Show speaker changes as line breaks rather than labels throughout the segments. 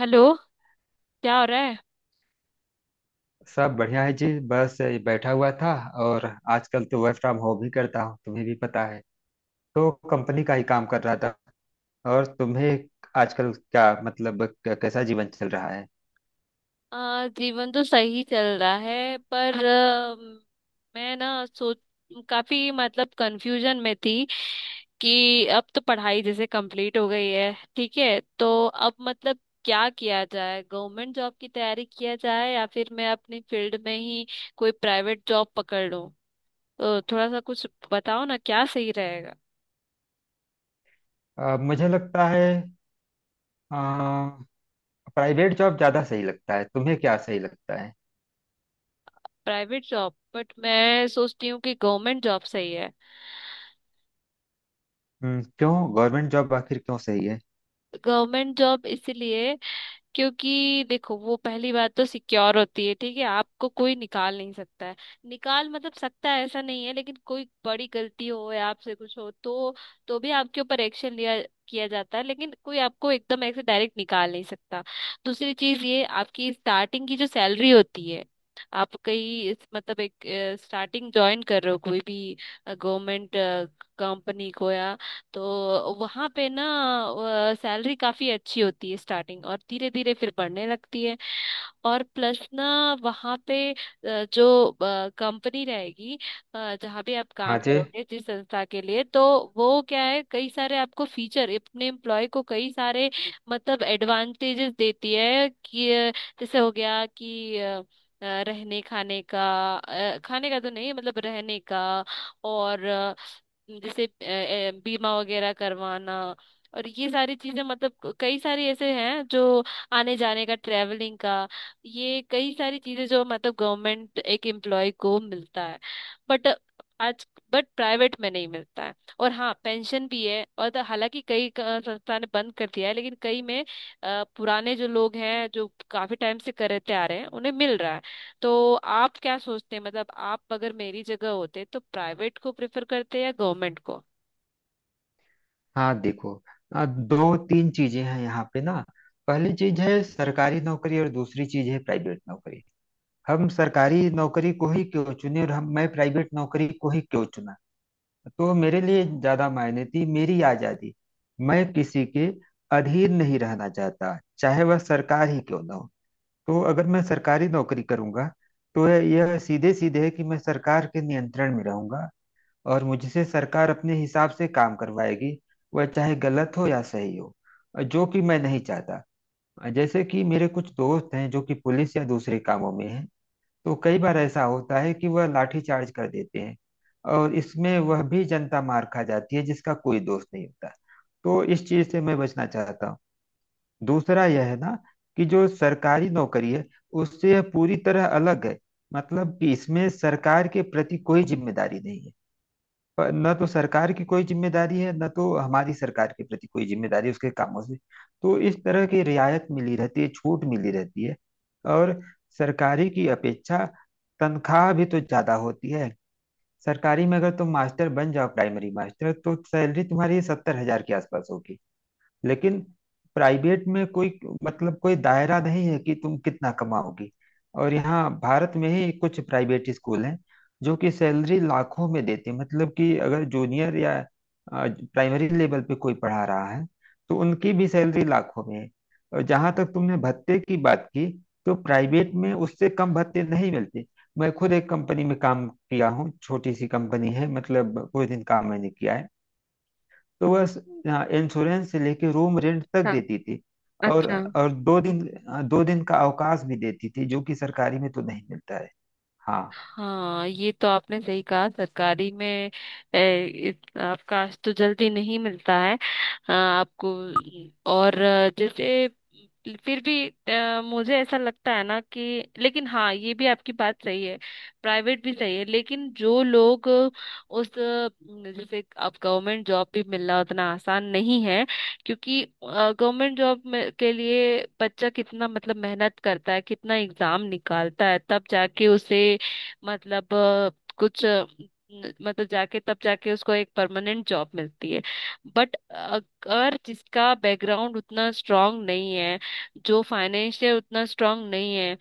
Hello. क्या हो रहा है?
सब बढ़िया है जी। बस ये बैठा हुआ था। और आजकल तो वर्क फ्रॉम होम ही करता हूँ, तुम्हें भी पता है, तो कंपनी का ही काम कर रहा था। और तुम्हें आजकल क्या मतलब कैसा जीवन चल रहा है?
जीवन तो सही चल रहा है पर, मैं ना सोच काफी मतलब कंफ्यूजन में थी कि अब तो पढ़ाई जैसे कंप्लीट हो गई है, ठीक है। तो अब मतलब क्या किया जाए, गवर्नमेंट जॉब की तैयारी किया जाए या फिर मैं अपनी फील्ड में ही कोई प्राइवेट जॉब पकड़ लूं। तो थोड़ा सा कुछ बताओ ना, क्या सही रहेगा।
मुझे लगता है प्राइवेट जॉब ज्यादा सही लगता है। तुम्हें क्या सही लगता है?
प्राइवेट जॉब, बट मैं सोचती हूँ कि गवर्नमेंट जॉब सही है।
क्यों? गवर्नमेंट जॉब आखिर क्यों सही है?
गवर्नमेंट जॉब इसलिए क्योंकि देखो, वो पहली बात तो सिक्योर होती है, ठीक है, आपको कोई निकाल नहीं सकता है। निकाल मतलब सकता है ऐसा नहीं है, लेकिन कोई बड़ी गलती हो या आपसे कुछ हो तो भी आपके ऊपर एक्शन लिया किया जाता है, लेकिन कोई आपको एकदम ऐसे डायरेक्ट निकाल नहीं सकता। दूसरी चीज ये आपकी स्टार्टिंग की जो सैलरी होती है, आप कहीं मतलब एक स्टार्टिंग ज्वाइन कर रहे हो कोई भी गवर्नमेंट कंपनी को, तो वहां पे ना सैलरी काफी अच्छी होती है स्टार्टिंग, और धीरे धीरे फिर बढ़ने लगती है। और प्लस ना वहाँ पे, जो कंपनी रहेगी, जहाँ पे आप
हाँ
काम
जी।
करोगे, जिस संस्था के लिए, तो वो क्या है, कई सारे आपको फीचर, अपने एम्प्लॉय को कई सारे मतलब एडवांटेजेस देती है कि जैसे हो गया कि रहने खाने का, खाने का तो नहीं मतलब रहने का। और जैसे बीमा वगैरह करवाना, और ये सारी चीजें, मतलब कई सारी ऐसे हैं जो आने जाने का, ट्रेवलिंग का, ये कई सारी चीजें जो मतलब गवर्नमेंट एक एम्प्लॉय को मिलता है। बट आज बट प्राइवेट में नहीं मिलता है। और हाँ, पेंशन भी है, और तो हालांकि कई संस्था ने बंद कर दिया है लेकिन कई में पुराने जो लोग हैं जो काफी टाइम से करते आ रहे हैं उन्हें मिल रहा है। तो आप क्या सोचते हैं, मतलब आप अगर मेरी जगह होते तो प्राइवेट को प्रेफर करते या गवर्नमेंट को?
हाँ देखो, दो तीन चीजें हैं यहाँ पे ना। पहली चीज है सरकारी नौकरी और दूसरी चीज है प्राइवेट नौकरी। हम सरकारी नौकरी को ही क्यों चुने और हम मैं प्राइवेट नौकरी को ही क्यों चुना। तो मेरे लिए ज्यादा मायने थी मेरी आजादी। मैं किसी के अधीन नहीं रहना चाहता, चाहे वह सरकार ही क्यों ना हो। तो अगर मैं सरकारी नौकरी करूंगा, तो यह सीधे सीधे है कि मैं सरकार के नियंत्रण में रहूंगा, और मुझसे सरकार अपने हिसाब से काम करवाएगी, वह चाहे गलत हो या सही हो, जो कि मैं नहीं चाहता। जैसे कि मेरे कुछ दोस्त हैं जो कि पुलिस या दूसरे कामों में हैं। तो कई बार ऐसा होता है कि वह लाठीचार्ज कर देते हैं, और इसमें वह भी जनता मार खा जाती है जिसका कोई दोष नहीं होता। तो इस चीज से मैं बचना चाहता हूँ। दूसरा यह है ना, कि जो सरकारी नौकरी है उससे यह पूरी तरह अलग है। मतलब कि इसमें सरकार के प्रति कोई जिम्मेदारी नहीं है। पर न तो सरकार की कोई जिम्मेदारी है, न तो हमारी सरकार के प्रति कोई जिम्मेदारी है उसके कामों से। तो इस तरह की रियायत मिली रहती है, छूट मिली रहती है। और सरकारी की अपेक्षा तनख्वाह भी तो ज्यादा होती है। सरकारी में अगर तुम मास्टर बन जाओ, प्राइमरी मास्टर, तो सैलरी तुम्हारी 70 हजार के आसपास होगी। लेकिन प्राइवेट में कोई मतलब कोई दायरा नहीं है कि तुम कितना कमाओगी। और यहाँ भारत में ही कुछ प्राइवेट स्कूल हैं जो कि सैलरी लाखों में देते हैं। मतलब कि अगर जूनियर या प्राइमरी लेवल पे कोई पढ़ा रहा है, तो उनकी भी सैलरी लाखों में है। और जहाँ तक तुमने भत्ते की बात की, तो प्राइवेट में उससे कम भत्ते नहीं मिलते। मैं खुद एक कंपनी में काम किया हूँ, छोटी सी कंपनी है, मतलब कोई दिन काम मैंने किया है, तो वह इंश्योरेंस से लेके रूम रेंट तक
हाँ,
देती थी। और
अच्छा।
और दो दिन दो दिन का अवकाश भी देती थी, जो कि सरकारी में तो नहीं मिलता है। हाँ।
हाँ, ये तो आपने सही कहा, सरकारी में ए, आपका तो जल्दी नहीं मिलता है, आपको। और जैसे फिर भी मुझे ऐसा लगता है ना कि लेकिन हाँ ये भी आपकी बात सही है, प्राइवेट भी सही है। लेकिन जो लोग उस, जैसे अब गवर्नमेंट जॉब भी मिलना उतना आसान नहीं है, क्योंकि गवर्नमेंट जॉब में के लिए बच्चा कितना मतलब मेहनत करता है, कितना एग्जाम निकालता है तब जाके उसे मतलब अ, कुछ अ, न- मतलब जाके, तब जाके उसको एक परमानेंट जॉब मिलती है। बट अगर जिसका बैकग्राउंड उतना स्ट्रांग नहीं है, जो फाइनेंशियल उतना स्ट्रांग नहीं है,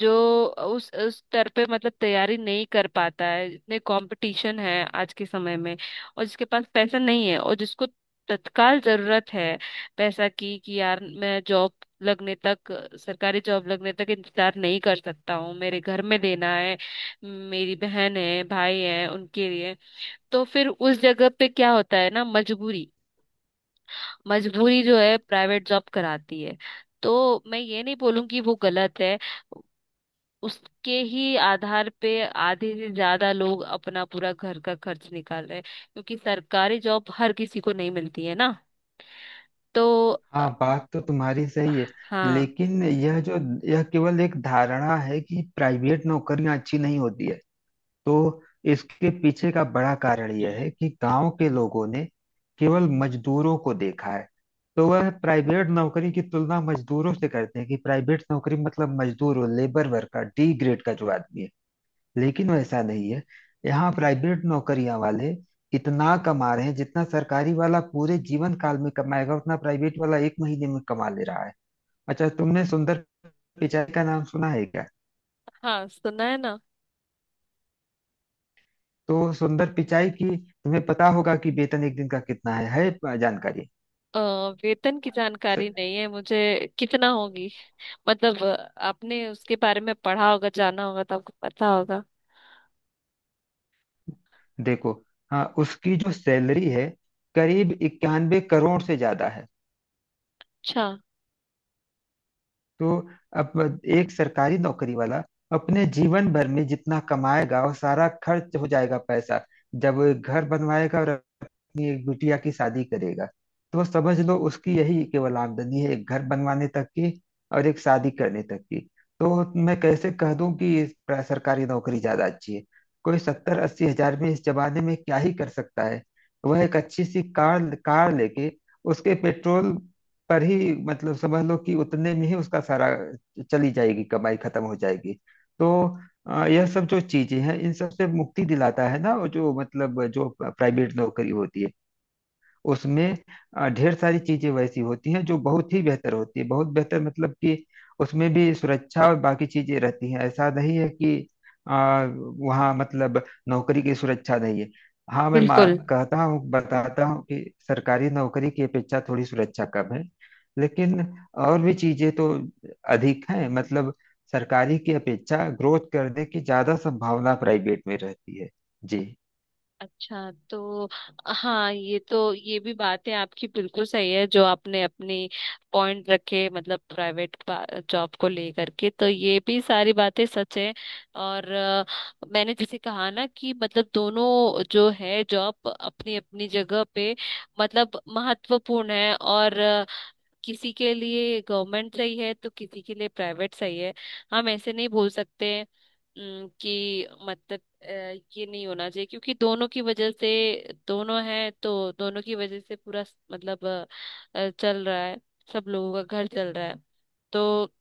जो उस स्तर पे मतलब तैयारी नहीं कर पाता है, इतने कंपटीशन है आज के समय में, और जिसके पास पैसा नहीं है और जिसको तत्काल जरूरत है पैसा की कि यार मैं जॉब लगने तक, सरकारी जॉब लगने तक इंतजार नहीं कर सकता हूँ, मेरे घर में देना है, मेरी बहन है, भाई है उनके लिए, तो फिर उस जगह पे क्या होता है ना, मजबूरी। मजबूरी जो है प्राइवेट जॉब कराती है। तो मैं ये नहीं बोलूंगी वो गलत है, उसके ही आधार पे आधे से ज्यादा लोग अपना पूरा घर का खर्च निकाल रहे हैं, क्योंकि सरकारी जॉब हर किसी को नहीं मिलती है ना। तो अ,
हाँ बात तो तुम्हारी सही है।
हाँ।
लेकिन यह केवल एक धारणा है कि प्राइवेट नौकरियां अच्छी नहीं होती है। तो इसके पीछे का बड़ा कारण यह है कि गांव के लोगों ने केवल मजदूरों को देखा है, तो वह प्राइवेट नौकरी की तुलना मजदूरों से करते हैं, कि प्राइवेट नौकरी मतलब मजदूर और लेबर वर्कर, डी ग्रेड का जो आदमी है। लेकिन वैसा नहीं है। यहाँ प्राइवेट नौकरियां वाले इतना कमा रहे हैं, जितना सरकारी वाला पूरे जीवन काल में कमाएगा उतना प्राइवेट वाला एक महीने में कमा ले रहा है। अच्छा, तुमने सुंदर पिचाई का नाम सुना है क्या?
हाँ, सुना है ना।
तो सुंदर पिचाई की तुम्हें पता होगा कि वेतन एक दिन का कितना है जानकारी?
अ, वेतन की
स-
जानकारी नहीं है मुझे, कितना होगी, मतलब आपने उसके बारे में पढ़ा होगा, जाना होगा, तो आपको पता होगा।
देखो, हाँ उसकी जो सैलरी है करीब 91 करोड़ से ज्यादा है।
अच्छा।
तो अब एक सरकारी नौकरी वाला अपने जीवन भर में जितना कमाएगा वो सारा खर्च हो जाएगा पैसा, जब वो एक घर बनवाएगा और अपनी एक बिटिया की शादी करेगा। तो वो समझ लो उसकी यही केवल आमदनी है, एक घर बनवाने तक की और एक शादी करने तक की। तो मैं कैसे कह दूं कि सरकारी नौकरी ज्यादा अच्छी है? कोई 70-80 हजार में इस जमाने में क्या ही कर सकता है। वह एक अच्छी सी कार कार लेके उसके पेट्रोल पर ही, मतलब समझ लो कि उतने में ही उसका सारा चली जाएगी, कमाई खत्म हो जाएगी। तो यह सब जो चीजें हैं इन सब से मुक्ति दिलाता है ना वो, जो मतलब जो प्राइवेट नौकरी होती है। उसमें ढेर सारी चीजें वैसी होती हैं जो बहुत ही बेहतर होती है, बहुत बेहतर, मतलब कि उसमें भी सुरक्षा और बाकी चीजें रहती हैं। ऐसा नहीं है कि वहाँ मतलब नौकरी की सुरक्षा नहीं है। हाँ मैं
बिल्कुल।
कहता हूँ, बताता हूँ कि सरकारी नौकरी की अपेक्षा थोड़ी सुरक्षा कम है, लेकिन और भी चीजें तो अधिक हैं। मतलब सरकारी की अपेक्षा ग्रोथ करने की ज्यादा संभावना प्राइवेट में रहती है। जी।
अच्छा तो हाँ, ये तो ये भी बात है, आपकी बिल्कुल सही है, जो आपने अपनी पॉइंट रखे मतलब प्राइवेट जॉब को लेकर के, तो ये भी सारी बातें सच है। और मैंने जैसे कहा ना कि मतलब दोनों जो है जॉब अपनी अपनी जगह पे मतलब महत्वपूर्ण है, और किसी के लिए गवर्नमेंट सही है तो किसी के लिए प्राइवेट सही है। हम ऐसे नहीं बोल सकते कि मतलब अ, ये नहीं होना चाहिए, क्योंकि दोनों की वजह से, दोनों हैं तो दोनों की वजह से पूरा मतलब चल रहा है, सब लोगों का घर चल रहा है। तो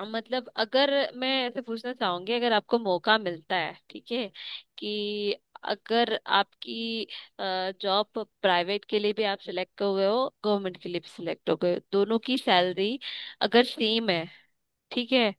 मतलब अगर मैं ऐसे पूछना चाहूंगी, अगर आपको मौका मिलता है, ठीक है, कि अगर आपकी जॉब प्राइवेट के लिए भी आप सिलेक्ट हो गए हो, गवर्नमेंट के लिए भी सिलेक्ट हो गए हो, दोनों की सैलरी अगर सेम है, ठीक है,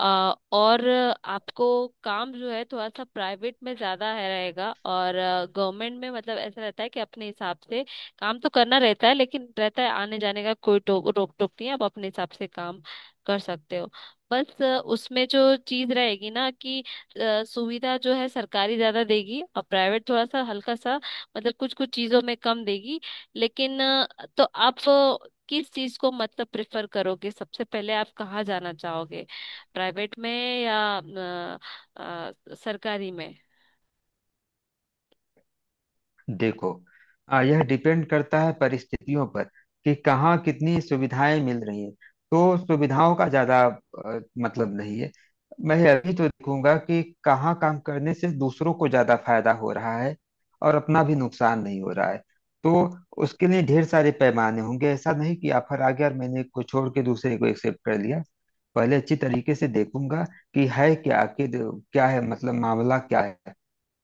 और आपको काम जो है थोड़ा सा प्राइवेट में ज्यादा है रहेगा, और गवर्नमेंट में मतलब ऐसा रहता है कि अपने हिसाब से काम तो करना रहता है, लेकिन रहता है, आने जाने का कोई टोक रोक टोक नहीं है, आप अपने हिसाब से काम कर सकते हो। बस उसमें जो चीज रहेगी ना कि सुविधा जो है सरकारी ज्यादा देगी और प्राइवेट थोड़ा सा हल्का सा मतलब कुछ कुछ चीजों में कम देगी। लेकिन तो आप किस चीज को मतलब प्रेफर करोगे, सबसे पहले आप कहाँ जाना चाहोगे, प्राइवेट में या सरकारी में?
देखो, यह डिपेंड करता है परिस्थितियों पर, कि कहाँ कितनी सुविधाएं मिल रही हैं। तो सुविधाओं का ज्यादा मतलब नहीं है। मैं अभी तो देखूंगा कि कहाँ काम करने से दूसरों को ज्यादा फायदा हो रहा है और अपना भी नुकसान नहीं हो रहा है। तो उसके लिए ढेर सारे पैमाने होंगे। ऐसा नहीं कि ऑफर आ गया और मैंने एक को छोड़ के दूसरे को एक्सेप्ट कर लिया। पहले अच्छी तरीके से देखूंगा कि है क्या आखिर, क्या है, मतलब मामला क्या है।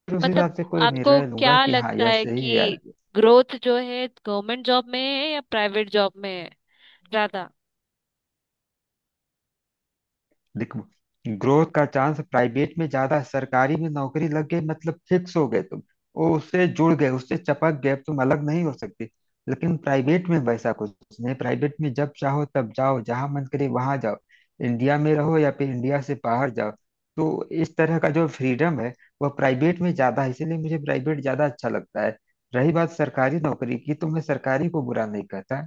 फिर उस
मतलब
हिसाब से कोई
आपको
निर्णय लूंगा
क्या
कि हाँ
लगता
यह
है
सही है या।
कि ग्रोथ जो है गवर्नमेंट जॉब में है या प्राइवेट जॉब में है ज्यादा?
देखो, ग्रोथ का चांस प्राइवेट में ज्यादा है। सरकारी में नौकरी लग गई मतलब फिक्स हो गए तुम। वो उससे जुड़ गए, उससे चपक गए, अब तुम अलग नहीं हो सकते। लेकिन प्राइवेट में वैसा कुछ नहीं। प्राइवेट में जब चाहो तब जाओ, जहां मन करे वहां जाओ, इंडिया में रहो या फिर इंडिया से बाहर जाओ। तो इस तरह का जो फ्रीडम है वह प्राइवेट में ज्यादा है, इसीलिए मुझे प्राइवेट ज्यादा अच्छा लगता है। रही बात सरकारी नौकरी की, तो मैं सरकारी को बुरा नहीं कहता,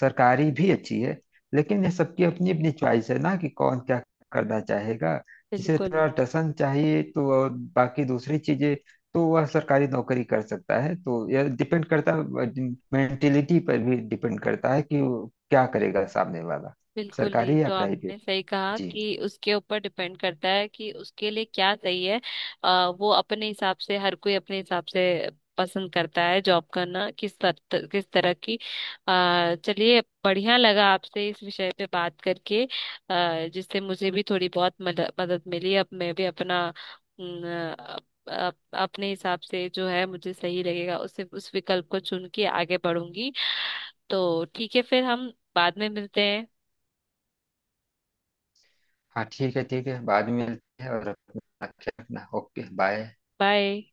सरकारी भी अच्छी है, लेकिन ये सबकी अपनी अपनी चॉइस है ना कि कौन क्या करना चाहेगा। जिसे
बिल्कुल।
थोड़ा टसन चाहिए तो और बाकी दूसरी चीजें, तो वह सरकारी नौकरी कर सकता है। तो यह डिपेंड करता है, मेंटेलिटी पर भी डिपेंड करता है कि वो क्या करेगा सामने वाला,
बिल्कुल ये
सरकारी या
तो आपने
प्राइवेट।
सही कहा
जी।
कि उसके ऊपर डिपेंड करता है कि उसके लिए क्या सही है। वो अपने हिसाब से, हर कोई अपने हिसाब से पसंद करता है जॉब करना किस तरह की। चलिए, बढ़िया लगा आपसे इस विषय पे बात करके, जिससे मुझे भी थोड़ी बहुत मदद मदद मिली। अब मैं भी अपना न, अप- अप- अपने हिसाब से जो है मुझे सही लगेगा, उससे उस विकल्प को चुन के आगे बढ़ूंगी। तो ठीक है, फिर हम बाद में मिलते हैं।
हाँ ठीक है, ठीक है, बाद में मिलते हैं, और अपना ख्याल रखना। Okay bye.
बाय।